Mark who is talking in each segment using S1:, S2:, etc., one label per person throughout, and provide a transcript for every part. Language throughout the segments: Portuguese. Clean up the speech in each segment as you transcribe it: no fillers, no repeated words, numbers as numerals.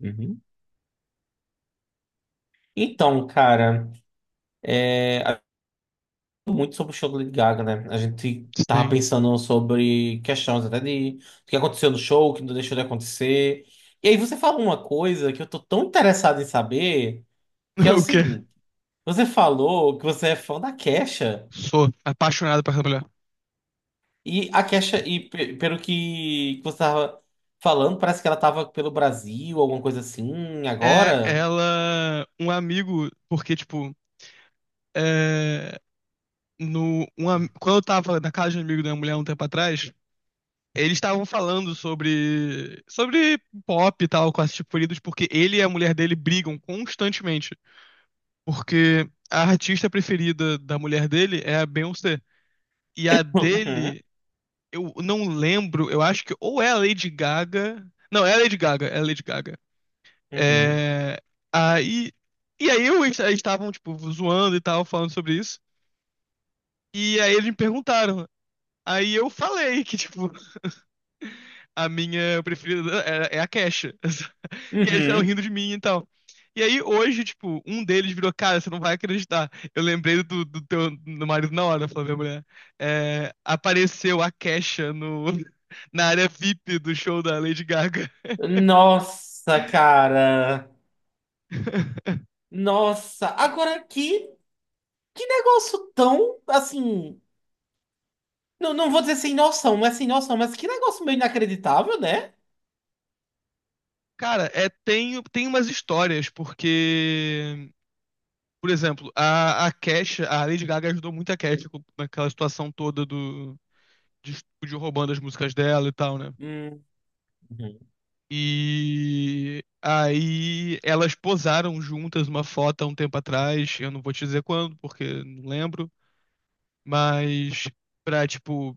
S1: Uhum. Então, cara, é, a- muito sobre o show do Lady Gaga, né? A gente tava
S2: Sim.
S1: pensando sobre questões até de o que aconteceu no show, o que não deixou de acontecer. E aí você falou uma coisa que eu tô tão interessado em saber, que é o
S2: O quê?
S1: seguinte: você falou que você é fã da Kesha,
S2: Sou apaixonado por essa mulher.
S1: e a Kesha, e pelo que você tava falando, parece que ela tava pelo Brasil, alguma coisa assim,
S2: É
S1: agora.
S2: ela, um amigo, porque, tipo, é, no, um am- quando eu tava na casa de um amigo da minha mulher um tempo atrás, eles estavam falando sobre pop e tal, com esses preferidos, porque ele e a mulher dele brigam constantemente. Porque a artista preferida da mulher dele é a Beyoncé. E a dele, eu não lembro, eu acho que ou é a Lady Gaga. Não, é a Lady Gaga, é a Lady Gaga.
S1: Uhum, uhum,
S2: É, aí, e aí eu, eles eles estavam, tipo, zoando e tal, falando sobre isso. E aí eles me perguntaram. Aí eu falei que, tipo, a minha preferida é a Kesha. E aí eles ficaram
S1: uhum.
S2: rindo de mim e tal. E aí hoje, tipo, um deles virou, cara, você não vai acreditar. Eu lembrei do teu do marido na hora, falou minha mulher. É, apareceu a Kesha no, na área VIP do show da Lady Gaga.
S1: Nossa, cara. Nossa, que negócio tão, assim, não, não vou dizer sem noção, não é sem noção, mas que negócio meio inacreditável, né?
S2: Cara, é, tem umas histórias, porque por exemplo, a Kesha, a Lady Gaga ajudou muito a Kesha com- naquela situação toda do, de estúdio roubando as músicas dela e tal, né?
S1: Hum, uhum.
S2: E aí elas posaram juntas uma foto há um tempo atrás, eu não vou te dizer quando, porque não lembro, mas pra, tipo,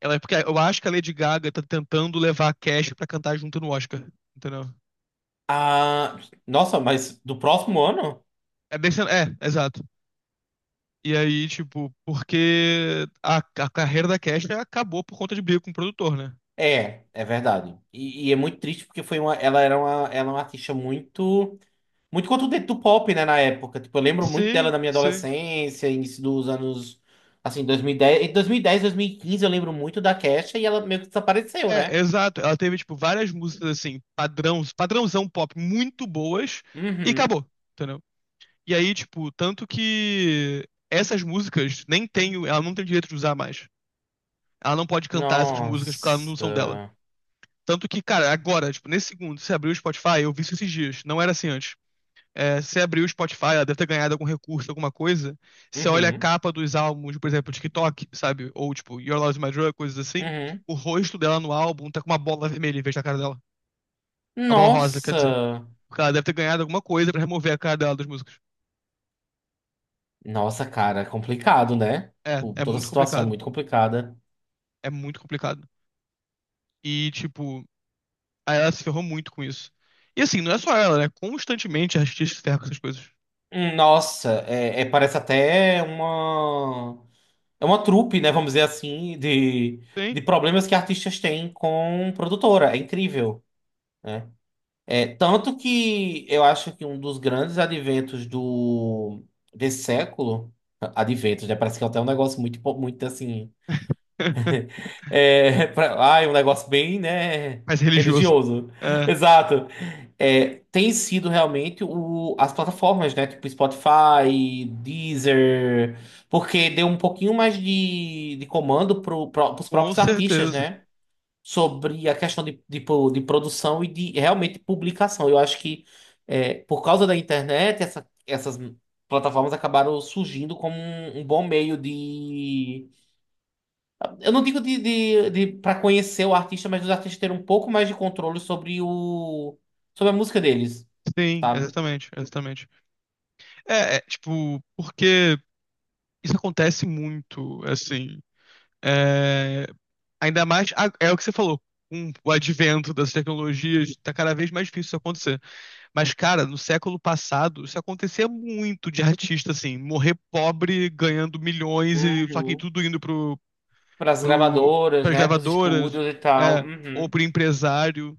S2: ela, porque eu acho que a Lady Gaga tá tentando levar a Kesha pra cantar junto no Oscar, entendeu?
S1: Ah, nossa, mas do próximo ano?
S2: É, desse, é, exato. E aí, tipo, porque a carreira da Kesha acabou por conta de briga com o produtor, né?
S1: É, é verdade. E é muito triste porque foi uma, ela era uma, ela é uma artista muito, muito contundente do pop, né, na época. Tipo, eu lembro muito dela
S2: Sim,
S1: na minha
S2: sim.
S1: adolescência, início dos anos, assim, 2010, entre 2010 e 2015 eu lembro muito da Kesha e ela meio que desapareceu,
S2: É,
S1: né?
S2: exato. Ela teve, tipo, várias músicas, assim, padrão, padrãozão pop muito boas e
S1: Uhum.
S2: acabou, entendeu? E aí, tipo, tanto que essas músicas nem tem, o ela não tem direito de usar mais. Ela não pode cantar essas músicas porque elas não são dela.
S1: Nossa.
S2: Tanto que, cara, agora, tipo, nesse segundo, você abriu o Spotify, eu vi isso esses dias. Não era assim antes. É, você abriu o Spotify, ela deve ter ganhado algum recurso, alguma coisa. Você olha a
S1: Uhum.
S2: capa dos álbuns, por exemplo, TikTok, sabe? Ou tipo, Your Love is My Drug, coisas assim.
S1: Uhum.
S2: O rosto dela no álbum tá com uma bola vermelha em vez da cara dela. Uma bola rosa, quer dizer.
S1: Nossa.
S2: Porque ela deve ter ganhado alguma coisa pra remover a cara dela das músicas.
S1: Nossa, cara, é complicado, né?
S2: É,
S1: Tipo,
S2: é
S1: toda a
S2: muito
S1: situação é
S2: complicado.
S1: muito complicada.
S2: É muito complicado. E, tipo, aí ela se ferrou muito com isso. E assim, não é só ela, né? Constantemente a artista se ferra com essas coisas.
S1: Nossa, parece até uma. É uma trupe, né? Vamos dizer assim,
S2: Sim.
S1: de problemas que artistas têm com produtora. É incrível, né? É, tanto que eu acho que um dos grandes adventos desse século. Adventos, né? Parece que é até um negócio muito, muito assim. Um negócio bem, né,
S2: Mais religioso.
S1: religioso.
S2: É,
S1: Exato. É, tem sido realmente as plataformas, né, tipo Spotify, Deezer, porque deu um pouquinho mais de comando pros
S2: com
S1: próprios artistas,
S2: certeza.
S1: né, sobre a questão de, de produção e de realmente publicação. Eu acho que é, por causa da internet, essas plataformas acabaram surgindo como um bom meio eu não digo de para conhecer o artista, mas os artistas terem um pouco mais de controle sobre o sobre a música deles,
S2: Sim,
S1: sabe?
S2: exatamente, exatamente. Tipo, porque isso acontece muito, assim. É, ainda mais, é o que você falou, com o advento das tecnologias, tá cada vez mais difícil isso acontecer. Mas, cara, no século passado, isso acontecia muito de artista, assim, morrer pobre, ganhando milhões, e só que
S1: Uhum.
S2: tudo indo
S1: Para as
S2: pro,
S1: gravadoras,
S2: pras
S1: né? Para os
S2: gravadoras,
S1: estúdios e tal.
S2: é, ou
S1: Uhum.
S2: pro empresário.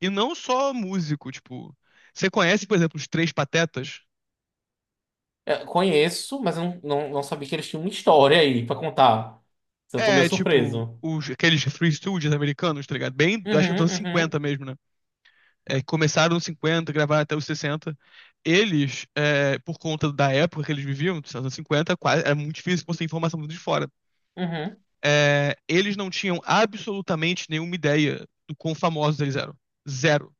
S2: E não só músico, tipo. Você conhece, por exemplo, os Três Patetas?
S1: Eu conheço, mas eu não sabia que eles tinham uma história aí para contar. Eu tô meio
S2: É, tipo,
S1: surpreso.
S2: os, aqueles Free Studios americanos, tá ligado? Bem, acho que estão
S1: Uhum,
S2: 50
S1: uhum,
S2: mesmo, né? É, que começaram nos 50, gravaram até os 60. Eles, é, por conta da época que eles viviam, dos anos 50, quase, era muito difícil conseguir informação de fora.
S1: uhum.
S2: É, eles não tinham absolutamente nenhuma ideia do quão famosos eles eram. Zero.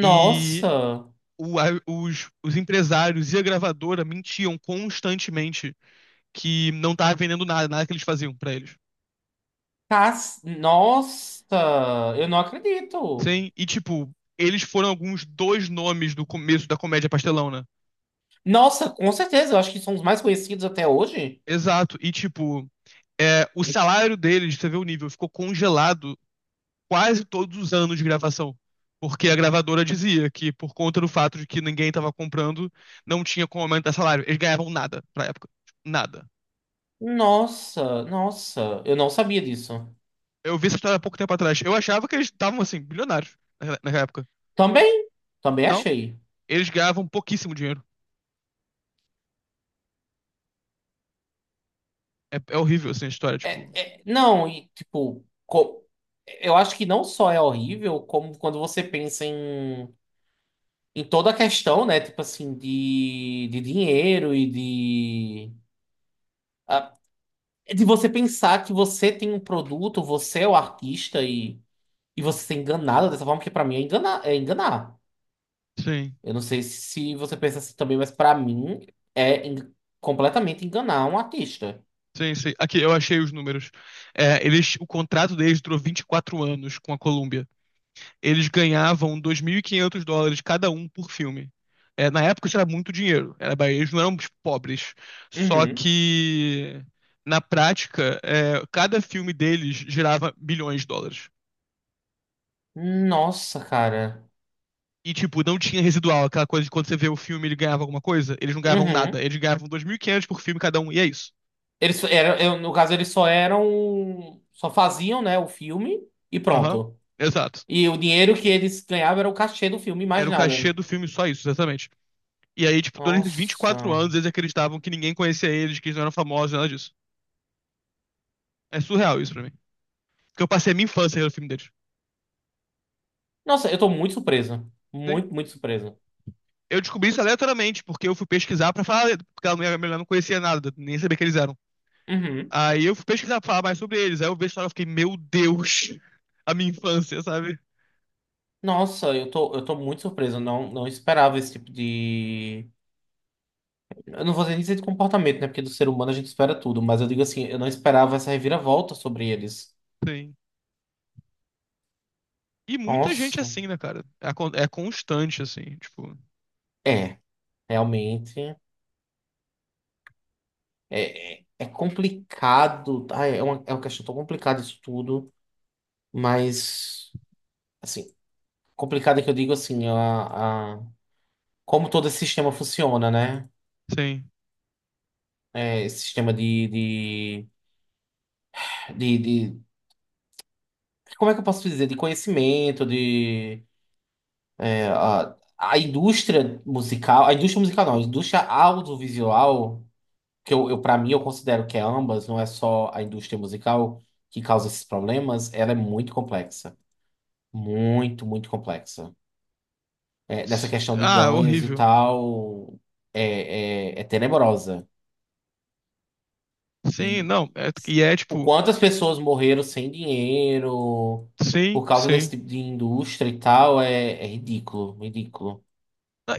S2: E
S1: Nossa,
S2: os empresários e a gravadora mentiam constantemente que não tava vendendo nada, nada que eles faziam pra eles.
S1: Nossa, eu não acredito.
S2: Sim, e tipo, eles foram alguns dois nomes do começo da comédia pastelão, né?
S1: Nossa, com certeza, eu acho que são os mais conhecidos até hoje.
S2: Exato, e tipo, é, o salário deles, você vê o nível, ficou congelado quase todos os anos de gravação. Porque a gravadora dizia que, por conta do fato de que ninguém estava comprando, não tinha como aumentar salário. Eles ganhavam nada pra época. Tipo, nada.
S1: Nossa, nossa, eu não sabia disso.
S2: Eu vi essa história há pouco tempo atrás. Eu achava que eles estavam, assim, bilionários naquela época.
S1: Também, também
S2: Não,
S1: achei.
S2: eles ganhavam pouquíssimo dinheiro. É, é horrível, assim, a história, tipo.
S1: É, é, não, e tipo, co- Eu acho que não só é horrível, como quando você pensa em, em toda a questão, né? Tipo assim, de, dinheiro e de. Ah, é de você pensar que você tem um produto, você é o artista e você ser enganado dessa forma, que pra mim é enganar, é enganar.
S2: Sim.
S1: Eu não sei se você pensa assim também, mas pra mim é en- completamente enganar um artista.
S2: Sim, sim. Aqui, eu achei os números. É, o contrato deles durou 24 anos com a Columbia. Eles ganhavam US$ 2.500 cada um por filme. É, na época isso era muito dinheiro. Era, eles não eram tipo, pobres. Só
S1: Uhum.
S2: que, na prática, cada filme deles gerava milhões de dólares.
S1: Nossa, cara.
S2: E, tipo, não tinha residual, aquela coisa de quando você vê o filme ele ganhava alguma coisa. Eles não ganhavam nada.
S1: Uhum.
S2: Eles ganhavam 2.500 por filme cada um, e é isso.
S1: Eles eram, no caso, eles só eram, só faziam, né, o filme e
S2: Aham,
S1: pronto.
S2: exato.
S1: E o dinheiro que eles ganhavam era o cachê do filme,
S2: Era
S1: mais
S2: o cachê
S1: nada.
S2: do filme, só isso, exatamente. E aí, tipo, durante os 24
S1: Nossa.
S2: anos eles acreditavam que ninguém conhecia eles, que eles não eram famosos, nada disso. É surreal isso pra mim. Porque eu passei a minha infância no filme deles.
S1: Nossa, eu tô muito surpreso.
S2: Sim.
S1: Muito, muito surpreso.
S2: Eu descobri isso aleatoriamente, porque eu fui pesquisar pra falar, porque a minha mulher não conhecia nada, nem sabia que eles eram.
S1: Uhum.
S2: Aí eu fui pesquisar pra falar mais sobre eles. Aí eu vi a história e fiquei, meu Deus, a minha infância, sabe?
S1: Nossa, eu tô muito surpreso. Eu Não, Não esperava esse tipo de. Eu não vou dizer nem dizer de comportamento, né? Porque do ser humano a gente espera tudo. Mas eu digo assim, eu não esperava essa reviravolta sobre eles.
S2: Sim. E muita gente é
S1: Nossa.
S2: assim, né, cara? É, é constante, assim, tipo,
S1: É, realmente. É complicado. Ah, é uma questão tão complicada isso tudo, mas assim, complicada que eu digo assim, como todo esse sistema funciona, né?
S2: sim.
S1: É, esse sistema de, de- como é que eu posso dizer? De conhecimento, de. É, a indústria musical. A indústria musical não, a indústria audiovisual, que eu para mim eu considero que é ambas, não é só a indústria musical que causa esses problemas, ela é muito complexa. Muito, muito complexa. É, nessa questão de
S2: Ah,
S1: ganhos e
S2: horrível.
S1: tal, é tenebrosa.
S2: Sim,
S1: E
S2: não.
S1: o quanto as pessoas morreram sem dinheiro por
S2: Sim,
S1: causa desse
S2: sim.
S1: tipo de indústria e tal, é, é ridículo, ridículo.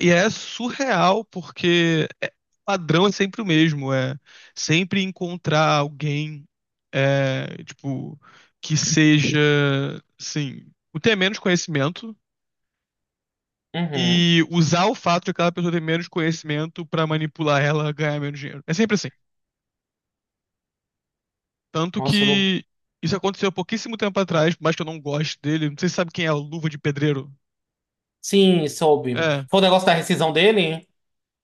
S2: E é surreal, porque o padrão é sempre o mesmo, é sempre encontrar alguém, é, tipo, que seja, assim, o ter menos conhecimento
S1: Uhum.
S2: e usar o fato de aquela pessoa ter menos conhecimento pra manipular ela a ganhar menos dinheiro. É sempre assim. Tanto
S1: Nossa, eu não.
S2: que isso aconteceu há pouquíssimo tempo atrás, por mais que eu não goste dele, não sei se você sabe quem é o Luva de Pedreiro.
S1: Sim, soube.
S2: É.
S1: Foi o negócio da rescisão dele?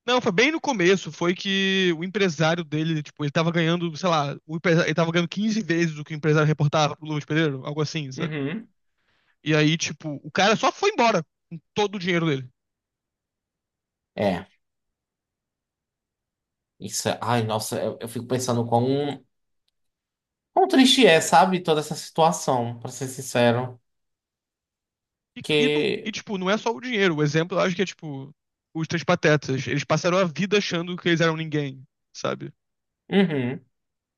S2: Não, foi bem no começo, foi que o empresário dele, tipo, ele tava ganhando, sei lá, o empresário, ele tava ganhando 15 vezes o que o empresário reportava pro Lucas Pedreiro, algo assim, sabe?
S1: Uhum.
S2: E aí, tipo, o cara só foi embora com todo o dinheiro dele.
S1: É, isso. Ai, nossa, eu fico pensando quão triste é, sabe? Toda essa situação, pra ser sincero.
S2: E,
S1: Que.
S2: tipo, não é só o dinheiro, o exemplo eu acho que é, tipo, os Três Patetas. Eles passaram a vida achando que eles eram ninguém, sabe?
S1: Uhum.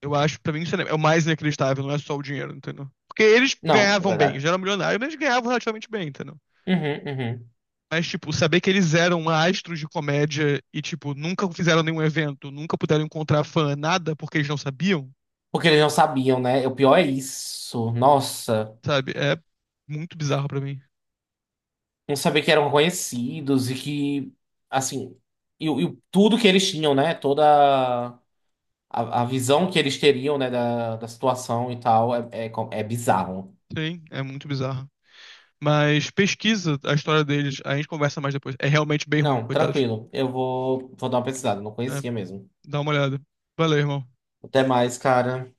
S2: Eu acho, pra mim, isso é o mais inacreditável, não é só o dinheiro, entendeu? Porque eles
S1: Não, é
S2: ganhavam bem, eles
S1: verdade.
S2: já eram milionários, mas eles ganhavam relativamente bem, entendeu?
S1: Uhum, uhum.
S2: Mas, tipo, saber que eles eram astros de comédia e, tipo, nunca fizeram nenhum evento, nunca puderam encontrar fã, nada, porque eles não sabiam,
S1: Porque eles não sabiam, né? O pior é isso. Nossa,
S2: sabe? É muito bizarro pra mim.
S1: não saber que eram conhecidos e que, assim, tudo que eles tinham, né? Toda a visão que eles teriam, né? Da situação e tal, é bizarro.
S2: Sim, é muito bizarro. Mas pesquisa a história deles, a gente conversa mais depois. É realmente bem ruim,
S1: Não,
S2: coitados.
S1: tranquilo. Vou dar uma pesquisada. Não
S2: É,
S1: conhecia mesmo.
S2: dá uma olhada. Valeu, irmão.
S1: Até mais, cara.